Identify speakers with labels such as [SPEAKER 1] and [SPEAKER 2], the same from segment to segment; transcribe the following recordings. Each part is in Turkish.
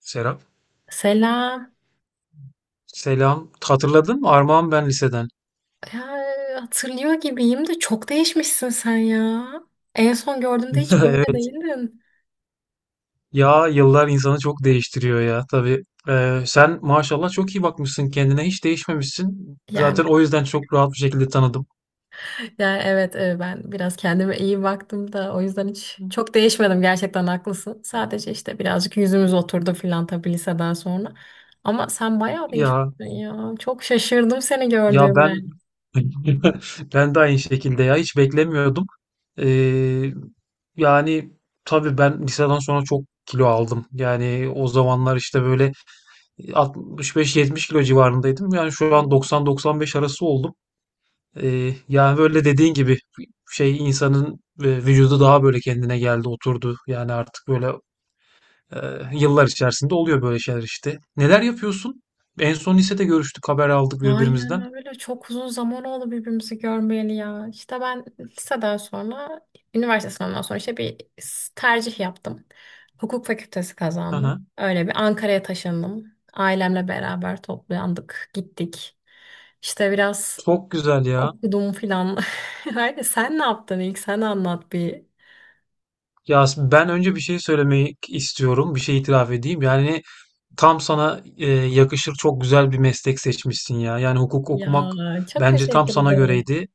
[SPEAKER 1] Serap.
[SPEAKER 2] Selam.
[SPEAKER 1] Selam. Hatırladın mı? Armağan ben liseden.
[SPEAKER 2] Ya, hatırlıyor gibiyim de çok değişmişsin sen ya. En son gördüğümde hiç böyle
[SPEAKER 1] Evet.
[SPEAKER 2] değildin.
[SPEAKER 1] Ya yıllar insanı çok değiştiriyor ya. Tabii. Sen maşallah çok iyi bakmışsın kendine. Hiç değişmemişsin.
[SPEAKER 2] Yani,
[SPEAKER 1] Zaten o yüzden çok rahat bir şekilde tanıdım.
[SPEAKER 2] yani, evet, ben biraz kendime iyi baktım da o yüzden hiç çok değişmedim gerçekten haklısın. Sadece işte birazcık yüzümüz oturdu filan tabii liseden sonra. Ama sen bayağı
[SPEAKER 1] Ya
[SPEAKER 2] değişmişsin ya. Çok şaşırdım seni
[SPEAKER 1] ya
[SPEAKER 2] gördüğümde.
[SPEAKER 1] ben ben de aynı şekilde ya hiç beklemiyordum. Ee, yani tabii ben liseden sonra çok kilo aldım. Yani o zamanlar işte böyle 65-70 kilo civarındaydım. Yani şu an 90-95 arası oldum. Yani böyle dediğin gibi şey insanın vücudu daha böyle kendine geldi, oturdu. Yani artık böyle e, yıllar içerisinde oluyor böyle şeyler işte. Neler yapıyorsun? En son lisede görüştük, haber aldık
[SPEAKER 2] Aynen
[SPEAKER 1] birbirimizden.
[SPEAKER 2] öyle. Çok uzun zaman oldu birbirimizi görmeyeli ya. İşte ben liseden sonra, üniversite sınavından sonra işte bir tercih yaptım. Hukuk fakültesi
[SPEAKER 1] Hı
[SPEAKER 2] kazandım.
[SPEAKER 1] hı.
[SPEAKER 2] Öyle bir Ankara'ya taşındım. Ailemle beraber toplandık, gittik. İşte biraz
[SPEAKER 1] Çok güzel ya.
[SPEAKER 2] okudum filan. Öyle sen ne yaptın ilk? Sen anlat bir.
[SPEAKER 1] Ya ben önce bir şey söylemek istiyorum, bir şey itiraf edeyim. Yani tam sana yakışır çok güzel bir meslek seçmişsin ya. Yani hukuk okumak
[SPEAKER 2] Ya, çok
[SPEAKER 1] bence tam
[SPEAKER 2] teşekkür
[SPEAKER 1] sana
[SPEAKER 2] ederim.
[SPEAKER 1] göreydi.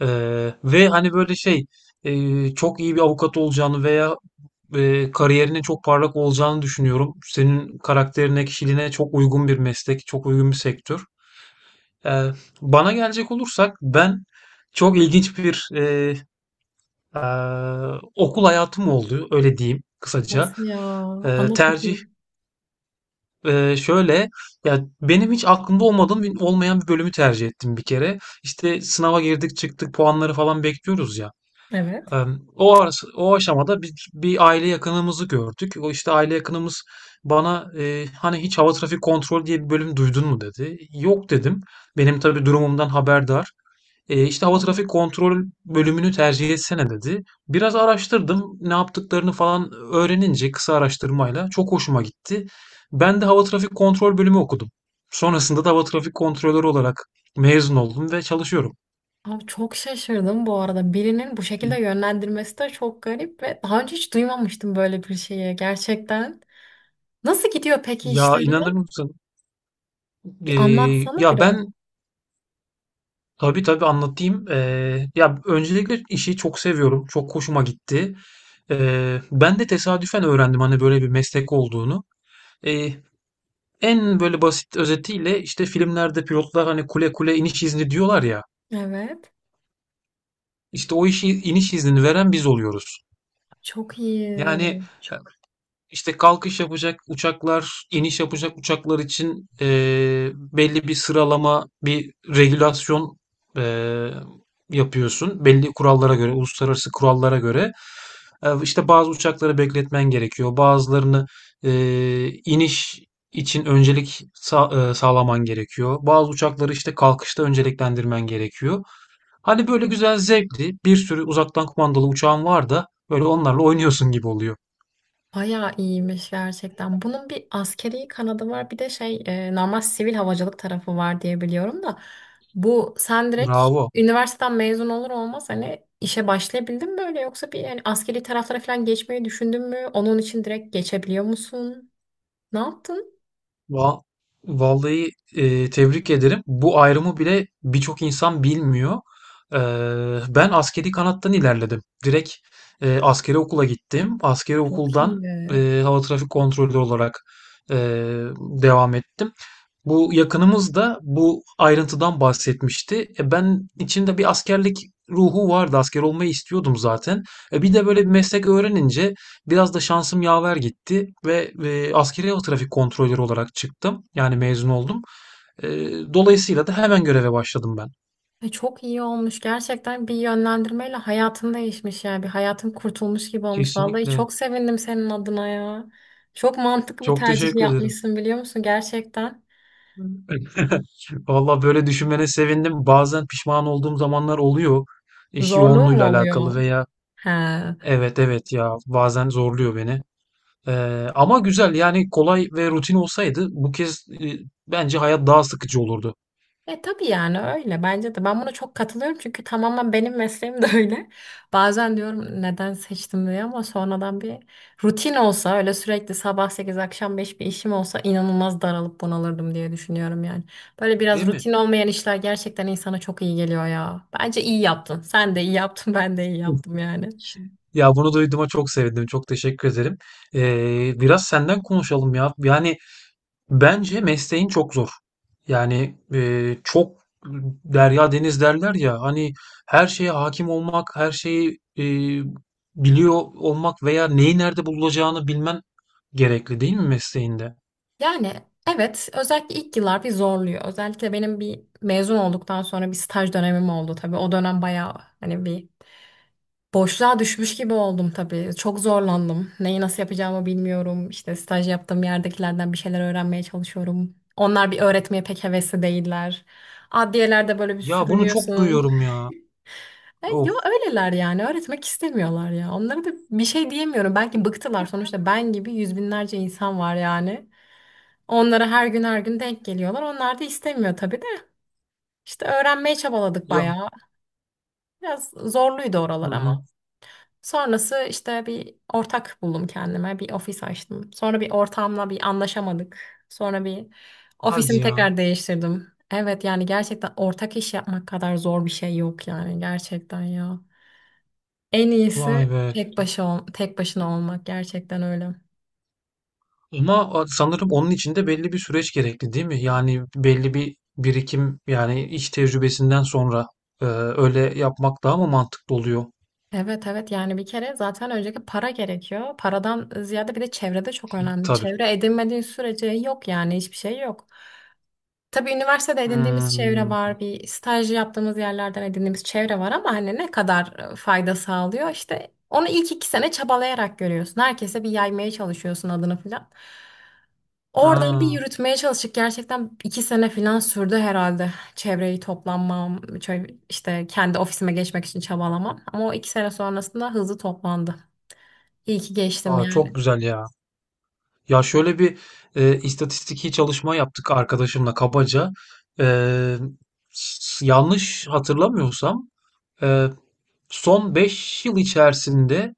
[SPEAKER 1] Ve hani böyle şey, çok iyi bir avukat olacağını veya kariyerinin çok parlak olacağını düşünüyorum. Senin karakterine, kişiliğine çok uygun bir meslek, çok uygun bir sektör. Ee, Bana gelecek olursak ben çok ilginç bir e, okul hayatım oldu, öyle diyeyim kısaca.
[SPEAKER 2] Nasıl ya?
[SPEAKER 1] Ee,
[SPEAKER 2] Anlat
[SPEAKER 1] tercih
[SPEAKER 2] bakayım.
[SPEAKER 1] e, şöyle, Ya benim hiç olmayan bir bölümü tercih ettim bir kere. İşte sınava girdik, çıktık, puanları falan bekliyoruz ya.
[SPEAKER 2] Evet.
[SPEAKER 1] O aşamada bir aile yakınımızı gördük. O işte aile yakınımız bana hani hiç hava trafik kontrolü diye bir bölüm duydun mu dedi. Yok dedim. Benim tabii durumumdan haberdar. İşte hava trafik kontrol bölümünü tercih etsene dedi. Biraz araştırdım. Ne yaptıklarını falan öğrenince kısa araştırmayla çok hoşuma gitti. Ben de hava trafik kontrol bölümü okudum. Sonrasında da hava trafik kontrolörü olarak mezun oldum ve çalışıyorum.
[SPEAKER 2] Abi çok şaşırdım bu arada. Birinin bu şekilde yönlendirmesi de çok garip ve daha önce hiç duymamıştım böyle bir şeyi gerçekten. Nasıl gidiyor peki
[SPEAKER 1] Ya inanır
[SPEAKER 2] işleri?
[SPEAKER 1] mısın?
[SPEAKER 2] Bir
[SPEAKER 1] Ee,
[SPEAKER 2] anlatsana
[SPEAKER 1] ya
[SPEAKER 2] biraz.
[SPEAKER 1] ben Tabii tabii anlatayım. Ya öncelikle işi çok seviyorum. Çok hoşuma gitti. Ben de tesadüfen öğrendim hani böyle bir meslek olduğunu. Eee, En böyle basit özetiyle işte filmlerde pilotlar hani kule kule iniş izni diyorlar ya.
[SPEAKER 2] Evet.
[SPEAKER 1] İşte o işi iniş iznini veren biz oluyoruz.
[SPEAKER 2] Çok iyi.
[SPEAKER 1] Yani işte kalkış yapacak uçaklar, iniş yapacak uçaklar için belli bir sıralama, bir regülasyon eee, yapıyorsun. Belli kurallara göre, uluslararası kurallara göre. İşte bazı uçakları bekletmen gerekiyor. Bazılarını iniş için sağlaman gerekiyor. Bazı uçakları işte kalkışta önceliklendirmen gerekiyor. Hani böyle güzel zevkli bir sürü uzaktan kumandalı uçağın var da böyle onlarla oynuyorsun gibi oluyor.
[SPEAKER 2] Bayağı iyiymiş gerçekten. Bunun bir askeri kanadı var, bir de şey normal sivil havacılık tarafı var diye biliyorum da. Bu sen direkt
[SPEAKER 1] Bravo.
[SPEAKER 2] üniversiteden mezun olur olmaz hani işe başlayabildin mi öyle, yoksa bir yani askeri taraflara falan geçmeyi düşündün mü? Onun için direkt geçebiliyor musun? Ne yaptın?
[SPEAKER 1] Va- Vallahi tebrik ederim. Bu ayrımı bile birçok insan bilmiyor. Ben askeri kanattan ilerledim. Direkt askeri okula gittim. Askeri
[SPEAKER 2] Çok
[SPEAKER 1] okuldan
[SPEAKER 2] iyi.
[SPEAKER 1] e, hava trafik kontrolü olarak e, devam ettim. Bu yakınımız da bu ayrıntıdan bahsetmişti. E ben içimde bir askerlik ruhu vardı. Asker olmayı istiyordum zaten. E bir de böyle bir meslek öğrenince biraz da şansım yaver gitti ve askeri hava trafik kontrolörü olarak çıktım. Yani mezun oldum. E, Dolayısıyla da hemen göreve başladım ben.
[SPEAKER 2] Çok iyi olmuş. Gerçekten bir yönlendirmeyle hayatın değişmiş yani. Bir hayatın kurtulmuş gibi olmuş. Vallahi
[SPEAKER 1] Kesinlikle.
[SPEAKER 2] çok sevindim senin adına ya. Çok mantıklı bir
[SPEAKER 1] Çok
[SPEAKER 2] tercih
[SPEAKER 1] teşekkür ederim.
[SPEAKER 2] yapmışsın biliyor musun? Gerçekten.
[SPEAKER 1] Valla böyle düşünmene sevindim. Bazen pişman olduğum zamanlar oluyor. İş
[SPEAKER 2] Zorluğu mu
[SPEAKER 1] yoğunluğuyla
[SPEAKER 2] oluyor?
[SPEAKER 1] alakalı veya
[SPEAKER 2] He.
[SPEAKER 1] evet, evet, ya bazen zorluyor beni. Ama güzel, yani kolay ve rutin olsaydı bu kez, bence hayat daha sıkıcı olurdu.
[SPEAKER 2] E tabii yani, öyle bence de. Ben buna çok katılıyorum çünkü tamamen benim mesleğim de öyle. Bazen diyorum neden seçtim diye, ama sonradan bir rutin olsa, öyle sürekli sabah 8 akşam 5 bir işim olsa, inanılmaz daralıp bunalırdım diye düşünüyorum yani. Böyle biraz
[SPEAKER 1] Değil mi?
[SPEAKER 2] rutin olmayan işler gerçekten insana çok iyi geliyor ya. Bence iyi yaptın. Sen de iyi yaptın, ben de iyi
[SPEAKER 1] Hı.
[SPEAKER 2] yaptım yani.
[SPEAKER 1] Ya bunu duyduğuma çok sevindim. Çok teşekkür ederim. Biraz senden konuşalım ya. Yani bence mesleğin çok zor. Yani e, derya deniz derler ya hani her şeye hakim olmak, her şeyi biliyor olmak veya neyi nerede bulacağını bilmen gerekli değil mi mesleğinde?
[SPEAKER 2] Yani evet, özellikle ilk yıllar bir zorluyor. Özellikle benim bir mezun olduktan sonra bir staj dönemim oldu tabii. O dönem bayağı hani bir boşluğa düşmüş gibi oldum tabii. Çok zorlandım. Neyi nasıl yapacağımı bilmiyorum. İşte staj yaptığım yerdekilerden bir şeyler öğrenmeye çalışıyorum. Onlar bir öğretmeye pek hevesli değiller. Adliyelerde böyle bir
[SPEAKER 1] Ya bunu çok
[SPEAKER 2] sürünüyorsun.
[SPEAKER 1] duyuyorum ya.
[SPEAKER 2] Yo,
[SPEAKER 1] Of.
[SPEAKER 2] öyleler yani. Öğretmek istemiyorlar ya. Onlara da bir şey diyemiyorum. Belki bıktılar. Sonuçta ben gibi yüz binlerce insan var yani. Onlara her gün her gün denk geliyorlar. Onlar da istemiyor tabii de. İşte öğrenmeye çabaladık
[SPEAKER 1] Ya.
[SPEAKER 2] bayağı. Biraz zorluydu
[SPEAKER 1] Hı
[SPEAKER 2] oralar ama.
[SPEAKER 1] hı.
[SPEAKER 2] Sonrası işte bir ortak buldum kendime. Bir ofis açtım. Sonra bir ortamla bir anlaşamadık. Sonra bir
[SPEAKER 1] Hadi
[SPEAKER 2] ofisimi
[SPEAKER 1] ya.
[SPEAKER 2] tekrar değiştirdim. Evet yani, gerçekten ortak iş yapmak kadar zor bir şey yok yani, gerçekten ya. En
[SPEAKER 1] Vay
[SPEAKER 2] iyisi
[SPEAKER 1] be.
[SPEAKER 2] tek başına olmak, gerçekten öyle.
[SPEAKER 1] Ama sanırım onun için de belli bir süreç gerekli değil mi? Yani belli bir birikim, yani iş tecrübesinden sonra öyle yapmak daha mı mantıklı oluyor?
[SPEAKER 2] Evet, evet yani bir kere zaten önceki para gerekiyor. Paradan ziyade bir de çevrede çok önemli.
[SPEAKER 1] Tabii.
[SPEAKER 2] Çevre edinmediğin sürece yok yani, hiçbir şey yok. Tabii üniversitede edindiğimiz çevre
[SPEAKER 1] Hmm.
[SPEAKER 2] var, bir staj yaptığımız yerlerden edindiğimiz çevre var, ama hani ne kadar fayda sağlıyor, işte onu ilk 2 sene çabalayarak görüyorsun. Herkese bir yaymaya çalışıyorsun adını falan. Oradan bir
[SPEAKER 1] Ha.
[SPEAKER 2] yürütmeye çalıştık. Gerçekten iki sene falan sürdü herhalde. Çevreyi toplanmam, işte kendi ofisime geçmek için çabalamam. Ama o 2 sene sonrasında hızlı toplandı. İyi ki geçtim
[SPEAKER 1] Aa,
[SPEAKER 2] yani.
[SPEAKER 1] çok güzel ya. Ya şöyle bir istatistiki çalışma yaptık arkadaşımla kabaca. E, Yanlış hatırlamıyorsam e, son 5 yıl içerisinde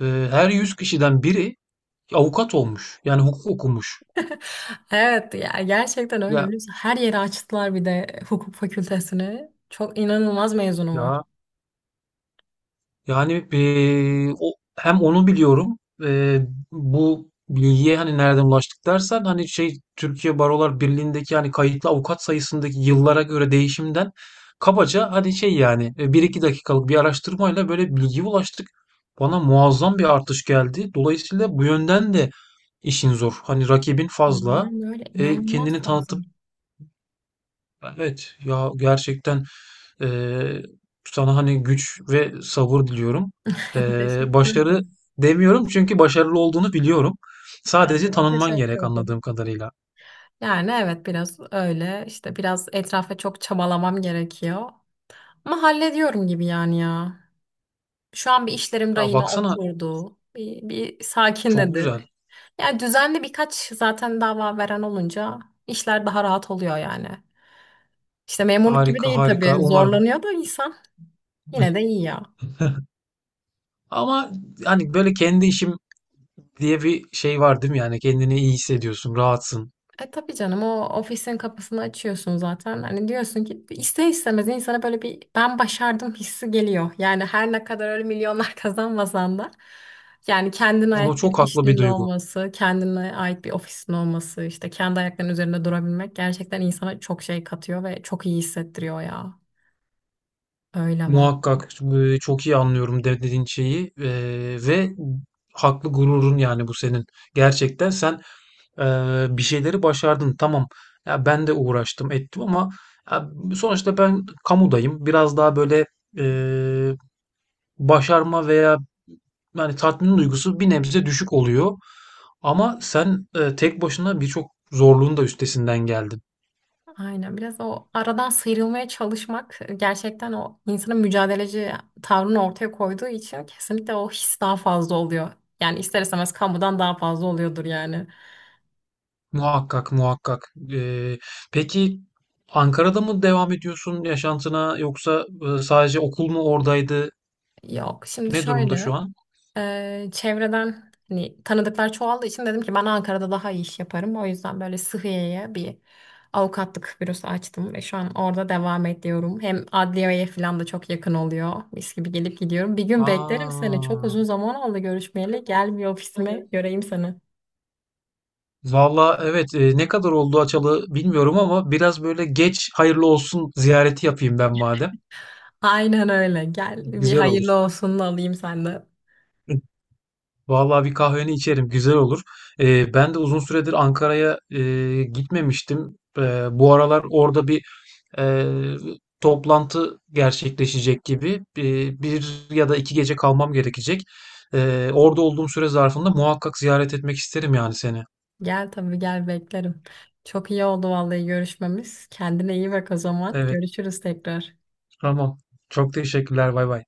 [SPEAKER 1] e, her 100 kişiden biri avukat olmuş. Yani hukuk okumuş.
[SPEAKER 2] Evet ya, gerçekten öyle
[SPEAKER 1] Ya
[SPEAKER 2] biliyorsun. Her yeri açtılar bir de hukuk fakültesini. Çok inanılmaz mezunu
[SPEAKER 1] ya,
[SPEAKER 2] var.
[SPEAKER 1] yani o hem onu biliyorum. Bu bilgiye hani nereden ulaştık dersen, hani şey, Türkiye Barolar Birliği'ndeki hani kayıtlı avukat sayısındaki yıllara göre değişimden kabaca, hani şey, yani 1-2 dakikalık bir araştırmayla böyle bilgiye ulaştık. Bana muazzam bir artış geldi. Dolayısıyla bu yönden de işin zor. Hani rakibin fazla.
[SPEAKER 2] Aynen öyle.
[SPEAKER 1] E,
[SPEAKER 2] İnanılmaz
[SPEAKER 1] kendini
[SPEAKER 2] fazla.
[SPEAKER 1] tanıtıp Evet ya, gerçekten eee, sana hani güç ve sabır diliyorum.
[SPEAKER 2] Teşekkür
[SPEAKER 1] Başarı
[SPEAKER 2] ederim.
[SPEAKER 1] demiyorum çünkü başarılı olduğunu biliyorum.
[SPEAKER 2] Ya,
[SPEAKER 1] Sadece tanınman
[SPEAKER 2] teşekkür
[SPEAKER 1] gerek
[SPEAKER 2] ederim.
[SPEAKER 1] anladığım kadarıyla.
[SPEAKER 2] Yani evet, biraz öyle. İşte biraz etrafa çok çabalamam gerekiyor. Ama hallediyorum gibi yani ya. Şu an bir işlerim
[SPEAKER 1] Ya
[SPEAKER 2] rayına
[SPEAKER 1] baksana
[SPEAKER 2] oturdu. Bir
[SPEAKER 1] çok
[SPEAKER 2] sakinledi.
[SPEAKER 1] güzel.
[SPEAKER 2] Yani düzenli birkaç zaten dava veren olunca işler daha rahat oluyor yani. İşte memurluk gibi
[SPEAKER 1] Harika,
[SPEAKER 2] değil
[SPEAKER 1] harika
[SPEAKER 2] tabii.
[SPEAKER 1] umarım.
[SPEAKER 2] Zorlanıyor da insan. Yine de iyi ya.
[SPEAKER 1] Ama hani böyle kendi işim diye bir şey var değil mi? Yani kendini iyi hissediyorsun, rahatsın.
[SPEAKER 2] E tabii canım, o ofisin kapısını açıyorsun zaten. Hani diyorsun ki ister istemez insana böyle bir ben başardım hissi geliyor. Yani her ne kadar öyle milyonlar kazanmasan da, yani kendine
[SPEAKER 1] Ama
[SPEAKER 2] ait bir
[SPEAKER 1] çok haklı bir
[SPEAKER 2] işinin
[SPEAKER 1] duygu.
[SPEAKER 2] olması, kendine ait bir ofisin olması, işte kendi ayaklarının üzerinde durabilmek gerçekten insana çok şey katıyor ve çok iyi hissettiriyor ya. Öyle vallahi.
[SPEAKER 1] Muhakkak, çok iyi anlıyorum dediğin şeyi ve haklı gururun, yani bu senin. Gerçekten sen e, bir şeyleri başardın. Tamam. Ya ben de uğraştım ettim ama ya sonuçta ben kamudayım. Biraz daha böyle e, başarma veya yani tatmin duygusu bir nebze düşük oluyor. Ama sen tek başına birçok zorluğun da üstesinden geldin.
[SPEAKER 2] Aynen, biraz o aradan sıyrılmaya çalışmak gerçekten o insanın mücadeleci tavrını ortaya koyduğu için kesinlikle o his daha fazla oluyor. Yani ister istemez kamudan daha fazla oluyordur yani.
[SPEAKER 1] Muhakkak, muhakkak. Peki Ankara'da mı devam ediyorsun yaşantına yoksa sadece okul mu oradaydı?
[SPEAKER 2] Yok, şimdi
[SPEAKER 1] Ne durumda
[SPEAKER 2] şöyle.
[SPEAKER 1] şu an?
[SPEAKER 2] Çevreden hani tanıdıklar çoğaldığı için dedim ki ben Ankara'da daha iyi iş yaparım. O yüzden böyle Sıhhiye'ye bir avukatlık bürosu açtım ve şu an orada devam ediyorum. Hem adliyeye falan da çok yakın oluyor. Mis gibi gelip gidiyorum. Bir gün beklerim seni. Çok
[SPEAKER 1] Aa,
[SPEAKER 2] uzun zaman oldu görüşmeyeli. Gel bir ofisime göreyim seni.
[SPEAKER 1] valla evet, ne kadar oldu açalı bilmiyorum ama biraz böyle geç hayırlı olsun ziyareti yapayım ben madem.
[SPEAKER 2] Aynen öyle. Gel bir
[SPEAKER 1] Güzel olur.
[SPEAKER 2] hayırlı olsun alayım senden.
[SPEAKER 1] Vallahi bir kahveni içerim, güzel olur. Ben de uzun süredir Ankara'ya gitmemiştim. Bu aralar orada bir e, toplantı gerçekleşecek gibi, bir ya da 2 gece kalmam gerekecek. Orada olduğum süre zarfında muhakkak ziyaret etmek isterim, yani seni.
[SPEAKER 2] Gel tabii, gel beklerim. Çok iyi oldu vallahi görüşmemiz. Kendine iyi bak o zaman.
[SPEAKER 1] Evet,
[SPEAKER 2] Görüşürüz tekrar.
[SPEAKER 1] tamam. Çok teşekkürler, bay bay.